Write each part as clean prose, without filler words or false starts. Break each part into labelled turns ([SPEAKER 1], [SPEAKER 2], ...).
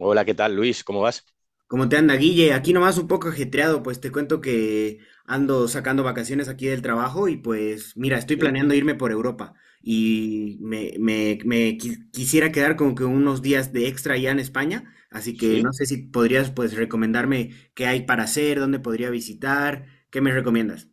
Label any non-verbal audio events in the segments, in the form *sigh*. [SPEAKER 1] Hola, ¿qué tal, Luis? ¿Cómo vas?
[SPEAKER 2] ¿Cómo te anda, Guille? Aquí nomás un poco ajetreado, pues te cuento que ando sacando vacaciones aquí del trabajo y pues mira, estoy
[SPEAKER 1] Sí,
[SPEAKER 2] planeando irme por Europa y quisiera quedar como que unos días de extra allá en España, así que
[SPEAKER 1] sí,
[SPEAKER 2] no sé si podrías pues recomendarme qué hay para hacer, dónde podría visitar, ¿qué me recomiendas?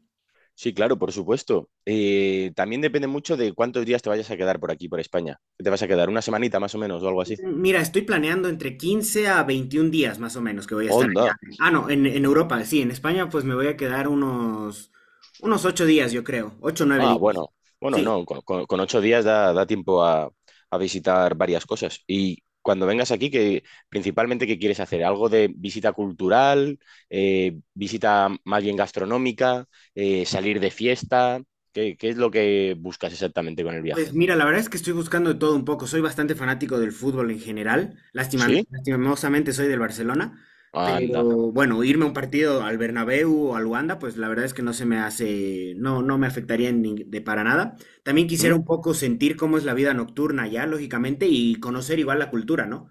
[SPEAKER 1] sí, claro, por supuesto. También depende mucho de cuántos días te vayas a quedar por aquí, por España. ¿Qué ¿Te vas a quedar una semanita más o menos o algo así?
[SPEAKER 2] Mira, estoy planeando entre 15 a 21 días más o menos que voy a estar
[SPEAKER 1] Onda.
[SPEAKER 2] allá. Ah, no, en Europa, sí, en España pues me voy a quedar unos 8 días, yo creo, 8 o 9
[SPEAKER 1] Ah,
[SPEAKER 2] días.
[SPEAKER 1] bueno, bueno,
[SPEAKER 2] Sí.
[SPEAKER 1] no, con ocho días da tiempo a visitar varias cosas. Y cuando vengas aquí, que principalmente, ¿qué quieres hacer? ¿Algo de visita cultural, visita más bien gastronómica, salir de fiesta? ¿Qué es lo que buscas exactamente con el viaje?
[SPEAKER 2] Pues mira, la verdad es que estoy buscando de todo un poco. Soy bastante fanático del fútbol en general.
[SPEAKER 1] Sí,
[SPEAKER 2] Lastimosamente soy del Barcelona, pero
[SPEAKER 1] anda.
[SPEAKER 2] bueno, irme a un partido al Bernabéu o al Wanda, pues la verdad es que no se me hace, no me afectaría en nin- de para nada. También
[SPEAKER 1] ¿Mm?
[SPEAKER 2] quisiera un poco sentir cómo es la vida nocturna allá, lógicamente, y conocer igual la cultura, ¿no?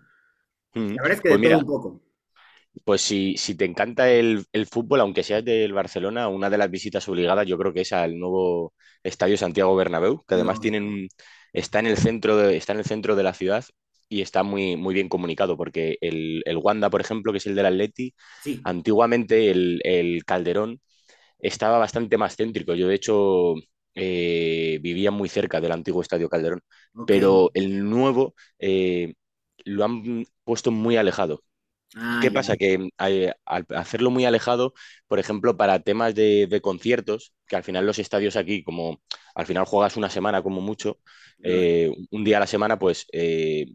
[SPEAKER 1] Mm,
[SPEAKER 2] La verdad es que de
[SPEAKER 1] Pues
[SPEAKER 2] todo un
[SPEAKER 1] mira,
[SPEAKER 2] poco.
[SPEAKER 1] pues si te encanta el fútbol, aunque seas del Barcelona, una de las visitas obligadas yo creo que es al nuevo Estadio Santiago Bernabéu, que además
[SPEAKER 2] Lógico.
[SPEAKER 1] está en el centro de, está en el centro de la ciudad y está muy, muy bien comunicado, porque el Wanda, por ejemplo, que es el del Atleti,
[SPEAKER 2] Sí.
[SPEAKER 1] antiguamente el Calderón estaba bastante más céntrico. Yo, de hecho, vivía muy cerca del antiguo Estadio Calderón,
[SPEAKER 2] Ok.
[SPEAKER 1] pero el nuevo... eh, lo han puesto muy alejado.
[SPEAKER 2] Ah,
[SPEAKER 1] ¿Qué
[SPEAKER 2] ya.
[SPEAKER 1] pasa? Que al hacerlo muy alejado, por ejemplo, para temas de conciertos, que al final los estadios aquí, como al final juegas una semana como mucho,
[SPEAKER 2] Lógico.
[SPEAKER 1] un día a la semana, pues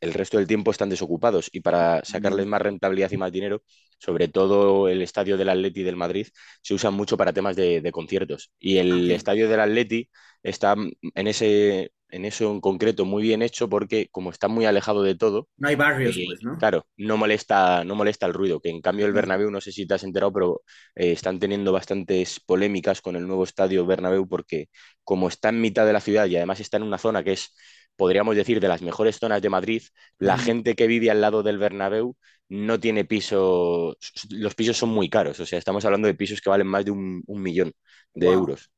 [SPEAKER 1] el resto del tiempo están desocupados y para
[SPEAKER 2] Mm,
[SPEAKER 1] sacarles más rentabilidad y más dinero, sobre todo el estadio del Atleti del Madrid, se usa mucho para temas de conciertos. Y
[SPEAKER 2] ok.
[SPEAKER 1] el estadio del Atleti está en ese, en eso en concreto muy bien hecho porque como está muy alejado de todo,
[SPEAKER 2] No hay barrios,
[SPEAKER 1] eh,
[SPEAKER 2] pues, ¿no?
[SPEAKER 1] claro, no molesta, no molesta el ruido, que en cambio el Bernabéu, no sé si te has enterado, pero están teniendo bastantes polémicas con el nuevo estadio Bernabéu porque como está en mitad de la ciudad y además está en una zona que es, podríamos decir, de las mejores zonas de Madrid, la gente que vive al lado del Bernabéu no tiene piso, los pisos son muy caros, o sea, estamos hablando de pisos que valen más de un millón de
[SPEAKER 2] Wow.
[SPEAKER 1] euros.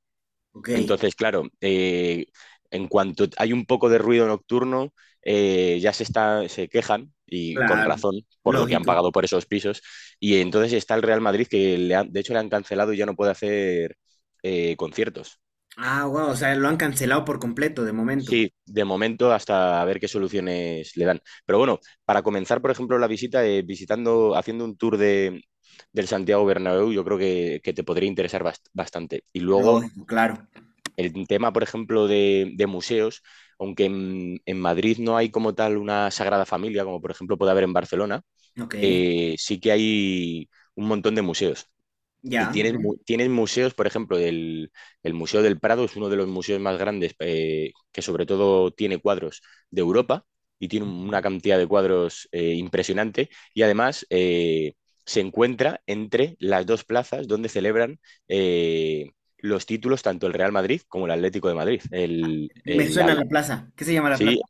[SPEAKER 2] Ok.
[SPEAKER 1] Entonces, claro, en cuanto hay un poco de ruido nocturno, ya se quejan, y con
[SPEAKER 2] Claro,
[SPEAKER 1] razón, por lo que han
[SPEAKER 2] lógico.
[SPEAKER 1] pagado por esos pisos. Y entonces está el Real Madrid, que de hecho le han cancelado y ya no puede hacer conciertos.
[SPEAKER 2] Ah, wow, o sea, lo han cancelado por completo de momento.
[SPEAKER 1] Sí, de momento hasta a ver qué soluciones le dan. Pero bueno, para comenzar, por ejemplo, la visita, visitando, haciendo un tour del Santiago Bernabéu, yo creo que te podría interesar bastante. Y luego
[SPEAKER 2] Lógico, claro.
[SPEAKER 1] el tema, por ejemplo, de, museos, aunque en Madrid no hay como tal una Sagrada Familia, como por ejemplo puede haber en Barcelona,
[SPEAKER 2] Ok,
[SPEAKER 1] sí que hay un montón de museos. Y
[SPEAKER 2] ya, ok.
[SPEAKER 1] tienen museos, por ejemplo, el Museo del Prado es uno de los museos más grandes, que sobre todo tiene cuadros de Europa y tiene una cantidad de cuadros impresionante. Y además se encuentra entre las dos plazas donde celebran eh, los títulos tanto el Real Madrid como el Atlético de Madrid.
[SPEAKER 2] Me suena la plaza. ¿Qué se llama la plaza?
[SPEAKER 1] Sí,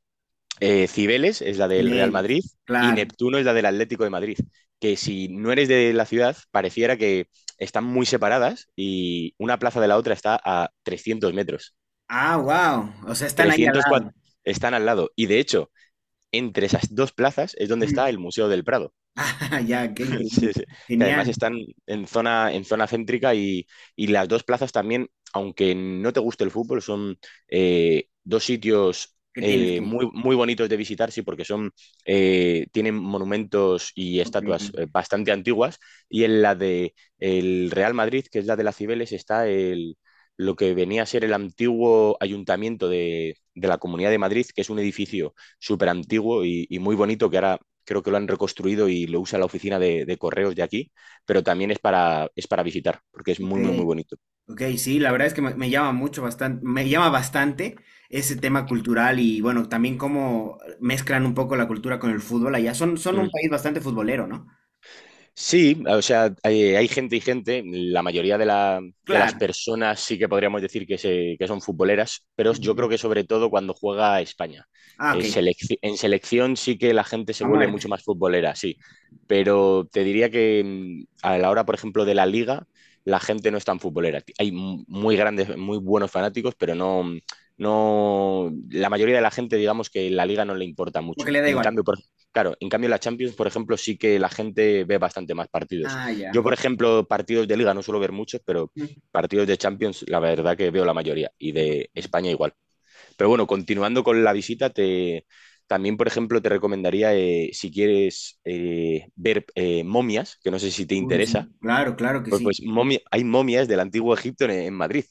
[SPEAKER 1] Cibeles es la del Real
[SPEAKER 2] Cibeles.
[SPEAKER 1] Madrid y
[SPEAKER 2] Claro.
[SPEAKER 1] Neptuno es la del Atlético de Madrid, que si no eres de la ciudad, pareciera que están muy separadas y una plaza de la otra está a 300 metros.
[SPEAKER 2] Ah, wow. O sea, están ahí al
[SPEAKER 1] 304
[SPEAKER 2] lado.
[SPEAKER 1] están al lado y de hecho, entre esas dos plazas es donde está
[SPEAKER 2] Ujú.
[SPEAKER 1] el Museo del Prado.
[SPEAKER 2] *laughs* Ah, ya, qué
[SPEAKER 1] *laughs* Sí,
[SPEAKER 2] increíble.
[SPEAKER 1] sí. Que además
[SPEAKER 2] Genial.
[SPEAKER 1] están en zona céntrica y las dos plazas también, aunque no te guste el fútbol, son dos sitios
[SPEAKER 2] ¿Qué tienes que?
[SPEAKER 1] muy, muy bonitos de visitar, sí, porque son, tienen monumentos y
[SPEAKER 2] Ok,
[SPEAKER 1] estatuas bastante antiguas. Y en la de el Real Madrid, que es la de las Cibeles, está el, lo que venía a ser el antiguo ayuntamiento de la Comunidad de Madrid, que es un edificio súper antiguo y muy bonito que ahora creo que lo han reconstruido y lo usa la oficina de correos de aquí, pero también es para visitar, porque es
[SPEAKER 2] ok,
[SPEAKER 1] muy, muy, muy bonito.
[SPEAKER 2] ok. Sí, la verdad es que me llama bastante ese tema cultural y bueno, también cómo mezclan un poco la cultura con el fútbol allá. Son un
[SPEAKER 1] Mm.
[SPEAKER 2] país bastante futbolero, ¿no?
[SPEAKER 1] Sí, o sea, hay gente y gente. La mayoría de las
[SPEAKER 2] Claro.
[SPEAKER 1] personas sí que podríamos decir que son futboleras, pero yo
[SPEAKER 2] Ujú.
[SPEAKER 1] creo que sobre todo cuando juega a España.
[SPEAKER 2] Ah, ok.
[SPEAKER 1] En selección sí que la gente se
[SPEAKER 2] A
[SPEAKER 1] vuelve
[SPEAKER 2] muerte.
[SPEAKER 1] mucho más futbolera, sí. Pero te diría que a la hora, por ejemplo, de la liga, la gente no es tan futbolera. Hay muy grandes, muy buenos fanáticos, pero no, no, la mayoría de la gente, digamos que la liga no le importa
[SPEAKER 2] Como
[SPEAKER 1] mucho.
[SPEAKER 2] que le da
[SPEAKER 1] En
[SPEAKER 2] igual.
[SPEAKER 1] cambio, por Claro, en cambio la Champions, por ejemplo, sí que la gente ve bastante más partidos.
[SPEAKER 2] Ah, ya.
[SPEAKER 1] Yo, por ejemplo, partidos de Liga no suelo ver muchos, pero
[SPEAKER 2] Ujú.
[SPEAKER 1] partidos de Champions, la verdad que veo la mayoría y de España igual. Pero bueno, continuando con la visita, también, por ejemplo, te recomendaría, si quieres ver momias, que no sé si te
[SPEAKER 2] Uy, sí.
[SPEAKER 1] interesa,
[SPEAKER 2] Claro, claro que sí.
[SPEAKER 1] hay momias del antiguo Egipto en Madrid,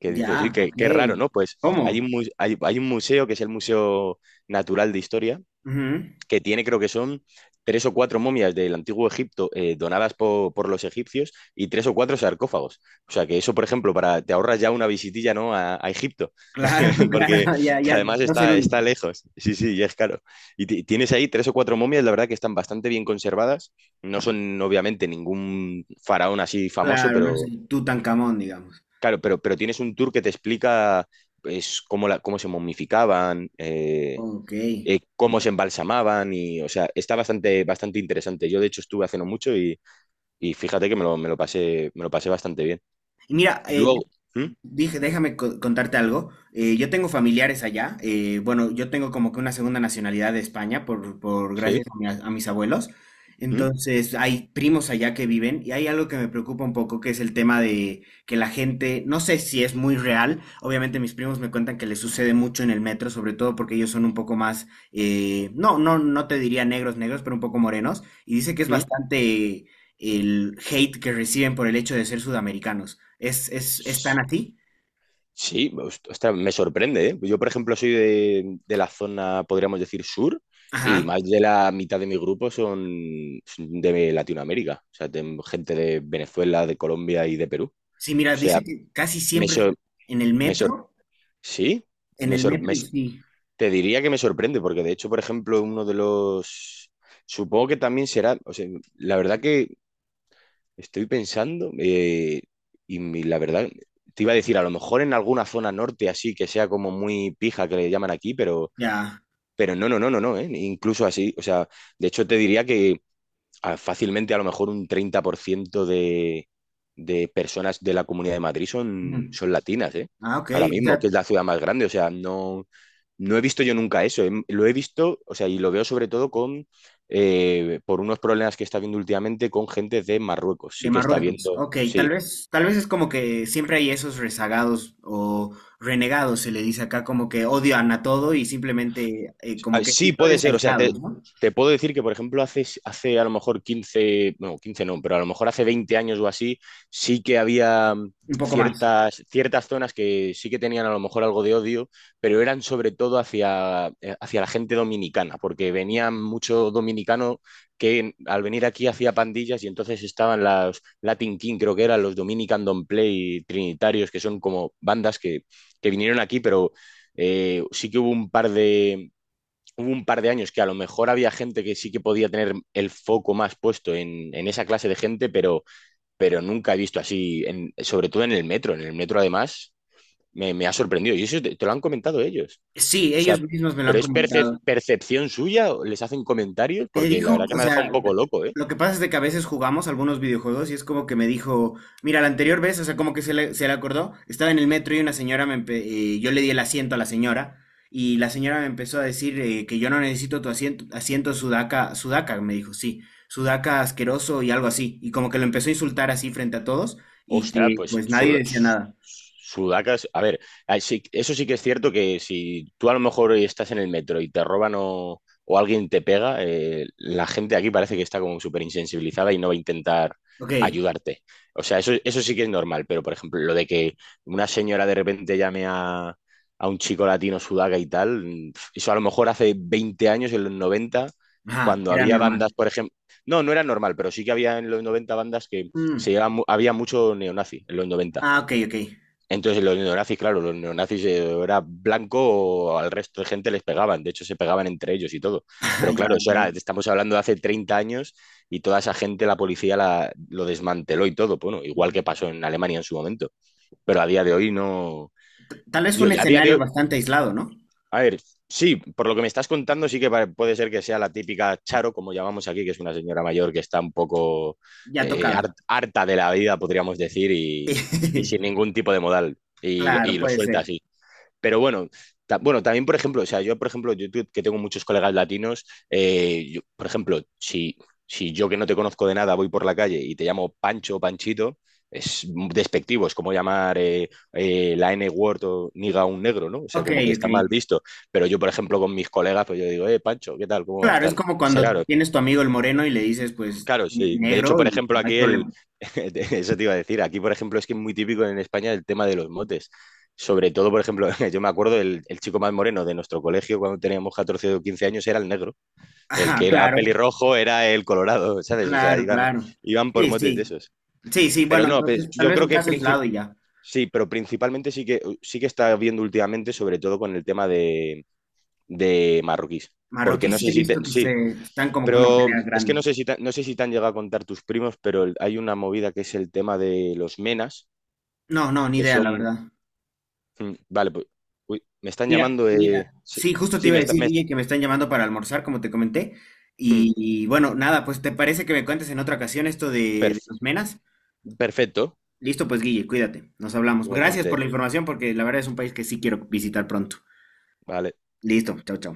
[SPEAKER 1] que dices, uy,
[SPEAKER 2] Ya,
[SPEAKER 1] qué,
[SPEAKER 2] ok.
[SPEAKER 1] qué raro, ¿no? Pues
[SPEAKER 2] ¿Cómo?
[SPEAKER 1] hay un museo que es el Museo Natural de Historia
[SPEAKER 2] Ujú.
[SPEAKER 1] que tiene creo que son tres o cuatro momias del antiguo Egipto donadas por los egipcios y tres o cuatro sarcófagos. O sea que eso, por ejemplo, para, te ahorras ya una visitilla, ¿no? a, Egipto,
[SPEAKER 2] Claro, *laughs*
[SPEAKER 1] *laughs* porque
[SPEAKER 2] claro. Ya,
[SPEAKER 1] que
[SPEAKER 2] ya.
[SPEAKER 1] además
[SPEAKER 2] No soy el
[SPEAKER 1] está,
[SPEAKER 2] único.
[SPEAKER 1] está lejos. Sí, sí, y es caro. Y tienes ahí tres o cuatro momias, la verdad que están bastante bien conservadas. No son obviamente ningún faraón así famoso,
[SPEAKER 2] Claro, no
[SPEAKER 1] pero
[SPEAKER 2] soy Tutankamón, digamos.
[SPEAKER 1] claro, pero tienes un tour que te explica pues, cómo, la, cómo se momificaban,
[SPEAKER 2] Ok. Y
[SPEAKER 1] cómo se embalsamaban y, o sea, está bastante, bastante interesante. Yo, de hecho, estuve hace no mucho y fíjate que me lo pasé bastante bien.
[SPEAKER 2] mira,
[SPEAKER 1] Y
[SPEAKER 2] eh,
[SPEAKER 1] luego, ¿Mm?
[SPEAKER 2] Dije, déjame contarte algo. Yo tengo familiares allá. Eh, Bueno, yo tengo como que una segunda nacionalidad de España por gracias
[SPEAKER 1] ¿Sí?
[SPEAKER 2] a, a mis abuelos.
[SPEAKER 1] ¿Mm?
[SPEAKER 2] Entonces, hay primos allá que viven y hay algo que me preocupa un poco, que es el tema de que la gente, no sé si es muy real. Obviamente, mis primos me cuentan que les sucede mucho en el metro, sobre todo porque ellos son un poco más, no te diría negros, negros, pero un poco morenos. Y dice que es
[SPEAKER 1] ¿Mm?
[SPEAKER 2] bastante el hate que reciben por el hecho de ser sudamericanos. ¿Es tan así?
[SPEAKER 1] Sí, ostras, me sorprende, ¿eh? Yo, por ejemplo, soy de la zona, podríamos decir, sur, y
[SPEAKER 2] Ajá.
[SPEAKER 1] más de la mitad de mi grupo son de Latinoamérica, o sea, de- gente de Venezuela, de Colombia y de Perú. O
[SPEAKER 2] Sí, mira,
[SPEAKER 1] sea,
[SPEAKER 2] dice que casi
[SPEAKER 1] me,
[SPEAKER 2] siempre es
[SPEAKER 1] sor-
[SPEAKER 2] en el
[SPEAKER 1] me sor-
[SPEAKER 2] metro,
[SPEAKER 1] sí, me, sor- me
[SPEAKER 2] y sí,
[SPEAKER 1] te diría que me sorprende, porque de hecho, por ejemplo, uno de los. Supongo que también será, o sea, la verdad que estoy pensando, y la verdad, te iba a decir, a lo mejor en alguna zona norte así, que sea como muy pija, que le llaman aquí, pero,
[SPEAKER 2] ya.
[SPEAKER 1] pero no, no, no, no, no, incluso así, o sea, de hecho te diría que fácilmente a lo mejor un 30% de personas de la Comunidad de Madrid son,
[SPEAKER 2] Ujú.
[SPEAKER 1] son latinas, ¿eh?
[SPEAKER 2] Ah, ok,
[SPEAKER 1] Ahora
[SPEAKER 2] o
[SPEAKER 1] mismo, que
[SPEAKER 2] sea,
[SPEAKER 1] es la ciudad más grande. O sea, no, no he visto yo nunca eso. Lo he visto, o sea, y lo veo sobre todo por unos problemas que está viendo últimamente con gente de Marruecos.
[SPEAKER 2] de
[SPEAKER 1] Sí que está
[SPEAKER 2] Marruecos.
[SPEAKER 1] viendo,
[SPEAKER 2] Ok,
[SPEAKER 1] sí.
[SPEAKER 2] tal vez es como que siempre hay esos rezagados o renegados, se le dice acá, como que odian a todo y simplemente como
[SPEAKER 1] Ah,
[SPEAKER 2] que
[SPEAKER 1] sí, puede
[SPEAKER 2] episodios
[SPEAKER 1] ser. O sea, te,
[SPEAKER 2] aislados, ¿no?
[SPEAKER 1] te puedo decir que, por ejemplo, hace a lo mejor 15 no, 15 no, pero a lo mejor hace 20 años o así, sí que había
[SPEAKER 2] Un poco más.
[SPEAKER 1] ciertas zonas que sí que tenían a lo mejor algo de odio, pero eran sobre todo hacia la gente dominicana, porque venía mucho dominicano que al venir aquí hacía pandillas y entonces estaban las Latin King, creo que eran los Dominican Don't Play y Trinitarios, que son como bandas que vinieron aquí, pero sí que hubo un par de años que a lo mejor había gente que sí que podía tener el foco más puesto en, esa clase de gente, pero nunca he visto así, sobre todo en el metro. En el metro, además, me ha sorprendido. Y eso lo han comentado ellos.
[SPEAKER 2] Sí,
[SPEAKER 1] O sea,
[SPEAKER 2] ellos mismos me lo
[SPEAKER 1] ¿pero
[SPEAKER 2] han
[SPEAKER 1] es percep-
[SPEAKER 2] comentado.
[SPEAKER 1] percepción suya? ¿Les hacen comentarios?
[SPEAKER 2] Me
[SPEAKER 1] Porque la
[SPEAKER 2] dijo,
[SPEAKER 1] verdad que
[SPEAKER 2] o
[SPEAKER 1] me ha dejado
[SPEAKER 2] sea,
[SPEAKER 1] un poco loco, ¿eh?
[SPEAKER 2] lo que pasa es de que a veces jugamos algunos videojuegos y es como que me dijo, mira, la anterior vez, o sea, como que se le acordó, estaba en el metro y una señora yo le di el asiento a la señora y la señora me empezó a decir que yo no necesito tu asiento, asiento sudaca, sudaca, me dijo, sí, sudaca asqueroso y algo así, y como que lo empezó a insultar así frente a todos y
[SPEAKER 1] Ostras,
[SPEAKER 2] que
[SPEAKER 1] pues
[SPEAKER 2] pues nadie
[SPEAKER 1] Sud-
[SPEAKER 2] decía nada.
[SPEAKER 1] Sudaca, a ver, eso sí que es cierto que si tú a lo mejor estás en el metro y te roban o alguien te pega, la gente aquí parece que está como súper insensibilizada y no va a intentar
[SPEAKER 2] Ok,
[SPEAKER 1] ayudarte. O sea, eso sí que es normal, pero por ejemplo, lo de que una señora de repente llame a un chico latino sudaca y tal, eso a lo mejor hace 20 años, en los 90,
[SPEAKER 2] ajá,
[SPEAKER 1] cuando
[SPEAKER 2] era
[SPEAKER 1] había bandas,
[SPEAKER 2] normal.
[SPEAKER 1] por ejemplo, no, no era normal, pero sí que había en los 90 bandas que se
[SPEAKER 2] Mm,
[SPEAKER 1] llevaba había mucho neonazi en los noventa.
[SPEAKER 2] ah, ok, ok. *laughs*
[SPEAKER 1] Entonces, los neonazis, claro, los neonazis era blanco, al resto de gente les pegaban, de hecho se pegaban entre ellos y todo.
[SPEAKER 2] Ah,
[SPEAKER 1] Pero
[SPEAKER 2] ya,
[SPEAKER 1] claro, eso
[SPEAKER 2] ok.
[SPEAKER 1] era, estamos hablando de hace 30 años y toda esa gente, la policía la, lo desmanteló y todo, bueno, igual que pasó en Alemania en su momento. Pero a día de hoy no.
[SPEAKER 2] Tal vez fue
[SPEAKER 1] Yo,
[SPEAKER 2] un
[SPEAKER 1] a día de
[SPEAKER 2] escenario
[SPEAKER 1] hoy,
[SPEAKER 2] bastante aislado, ¿no?
[SPEAKER 1] a ver, sí, por lo que me estás contando, sí que puede ser que sea la típica Charo, como llamamos aquí, que es una señora mayor que está un poco
[SPEAKER 2] Ya tocaba.
[SPEAKER 1] harta de la vida, podríamos decir, y, sin
[SPEAKER 2] *laughs*
[SPEAKER 1] ningún tipo de modal, y, lo-
[SPEAKER 2] Claro,
[SPEAKER 1] y lo
[SPEAKER 2] puede
[SPEAKER 1] suelta
[SPEAKER 2] ser.
[SPEAKER 1] así. Pero bueno, bueno, también, por ejemplo, o sea, yo, por ejemplo, yo que tengo muchos colegas latinos, yo, por ejemplo, si yo que no te conozco de nada voy por la calle y te llamo Pancho o Panchito, es despectivo, es como llamar la N-word o niga a un negro, ¿no? O sea,
[SPEAKER 2] Ok,
[SPEAKER 1] como que
[SPEAKER 2] ok.
[SPEAKER 1] está mal visto. Pero yo, por ejemplo, con mis colegas, pues yo digo, Pancho, ¿qué tal? ¿Cómo vas?
[SPEAKER 2] Claro, es
[SPEAKER 1] Tal. O
[SPEAKER 2] como
[SPEAKER 1] sea,
[SPEAKER 2] cuando
[SPEAKER 1] claro,
[SPEAKER 2] tienes tu amigo el moreno y le dices, pues,
[SPEAKER 1] claro, sí. De hecho,
[SPEAKER 2] negro
[SPEAKER 1] por
[SPEAKER 2] y
[SPEAKER 1] ejemplo,
[SPEAKER 2] no hay problema. *laughs*
[SPEAKER 1] *laughs* eso te iba a decir, aquí, por ejemplo, es que es muy típico en España el tema de los motes. Sobre todo, por ejemplo, *laughs* yo me acuerdo el, chico más moreno de nuestro colegio cuando teníamos 14 o 15 años era el negro. El que
[SPEAKER 2] Ajá,
[SPEAKER 1] era
[SPEAKER 2] claro,
[SPEAKER 1] pelirrojo era el colorado, *laughs* ¿sabes? O sea,
[SPEAKER 2] claro,
[SPEAKER 1] iban,
[SPEAKER 2] claro.
[SPEAKER 1] iban por
[SPEAKER 2] Sí,
[SPEAKER 1] motes de
[SPEAKER 2] sí.
[SPEAKER 1] esos.
[SPEAKER 2] Sí, sí,
[SPEAKER 1] Pero
[SPEAKER 2] bueno,
[SPEAKER 1] no, pues,
[SPEAKER 2] entonces tal
[SPEAKER 1] yo
[SPEAKER 2] vez
[SPEAKER 1] creo
[SPEAKER 2] un
[SPEAKER 1] que
[SPEAKER 2] caso aislado y ya.
[SPEAKER 1] sí, pero principalmente sí que está viendo últimamente, sobre todo con el tema de, marroquíes. Porque
[SPEAKER 2] Marroquí
[SPEAKER 1] no
[SPEAKER 2] sí
[SPEAKER 1] sé
[SPEAKER 2] he
[SPEAKER 1] si te-
[SPEAKER 2] visto que
[SPEAKER 1] sí,
[SPEAKER 2] se están como que en una
[SPEAKER 1] pero
[SPEAKER 2] pelea
[SPEAKER 1] es que no
[SPEAKER 2] grande.
[SPEAKER 1] sé si te, no sé si te han llegado a contar tus primos, pero hay una movida que es el tema de los menas,
[SPEAKER 2] No, no, ni
[SPEAKER 1] que
[SPEAKER 2] idea, la
[SPEAKER 1] son.
[SPEAKER 2] verdad.
[SPEAKER 1] Vale, pues. Uy, me están
[SPEAKER 2] Mira,
[SPEAKER 1] llamando.
[SPEAKER 2] mira,
[SPEAKER 1] Sí,
[SPEAKER 2] sí, justo te
[SPEAKER 1] sí,
[SPEAKER 2] iba a
[SPEAKER 1] me está,
[SPEAKER 2] decir,
[SPEAKER 1] me-
[SPEAKER 2] Guille, que me están llamando para almorzar, como te comenté.
[SPEAKER 1] mm,
[SPEAKER 2] Bueno, nada, pues ¿te parece que me cuentes en otra ocasión esto de los
[SPEAKER 1] perf-
[SPEAKER 2] menas?
[SPEAKER 1] perfecto,
[SPEAKER 2] Listo, pues Guille, cuídate. Nos hablamos. Gracias por
[SPEAKER 1] igualmente.
[SPEAKER 2] la información porque la verdad es un país que sí quiero visitar pronto.
[SPEAKER 1] Vale.
[SPEAKER 2] Listo, chao, chao.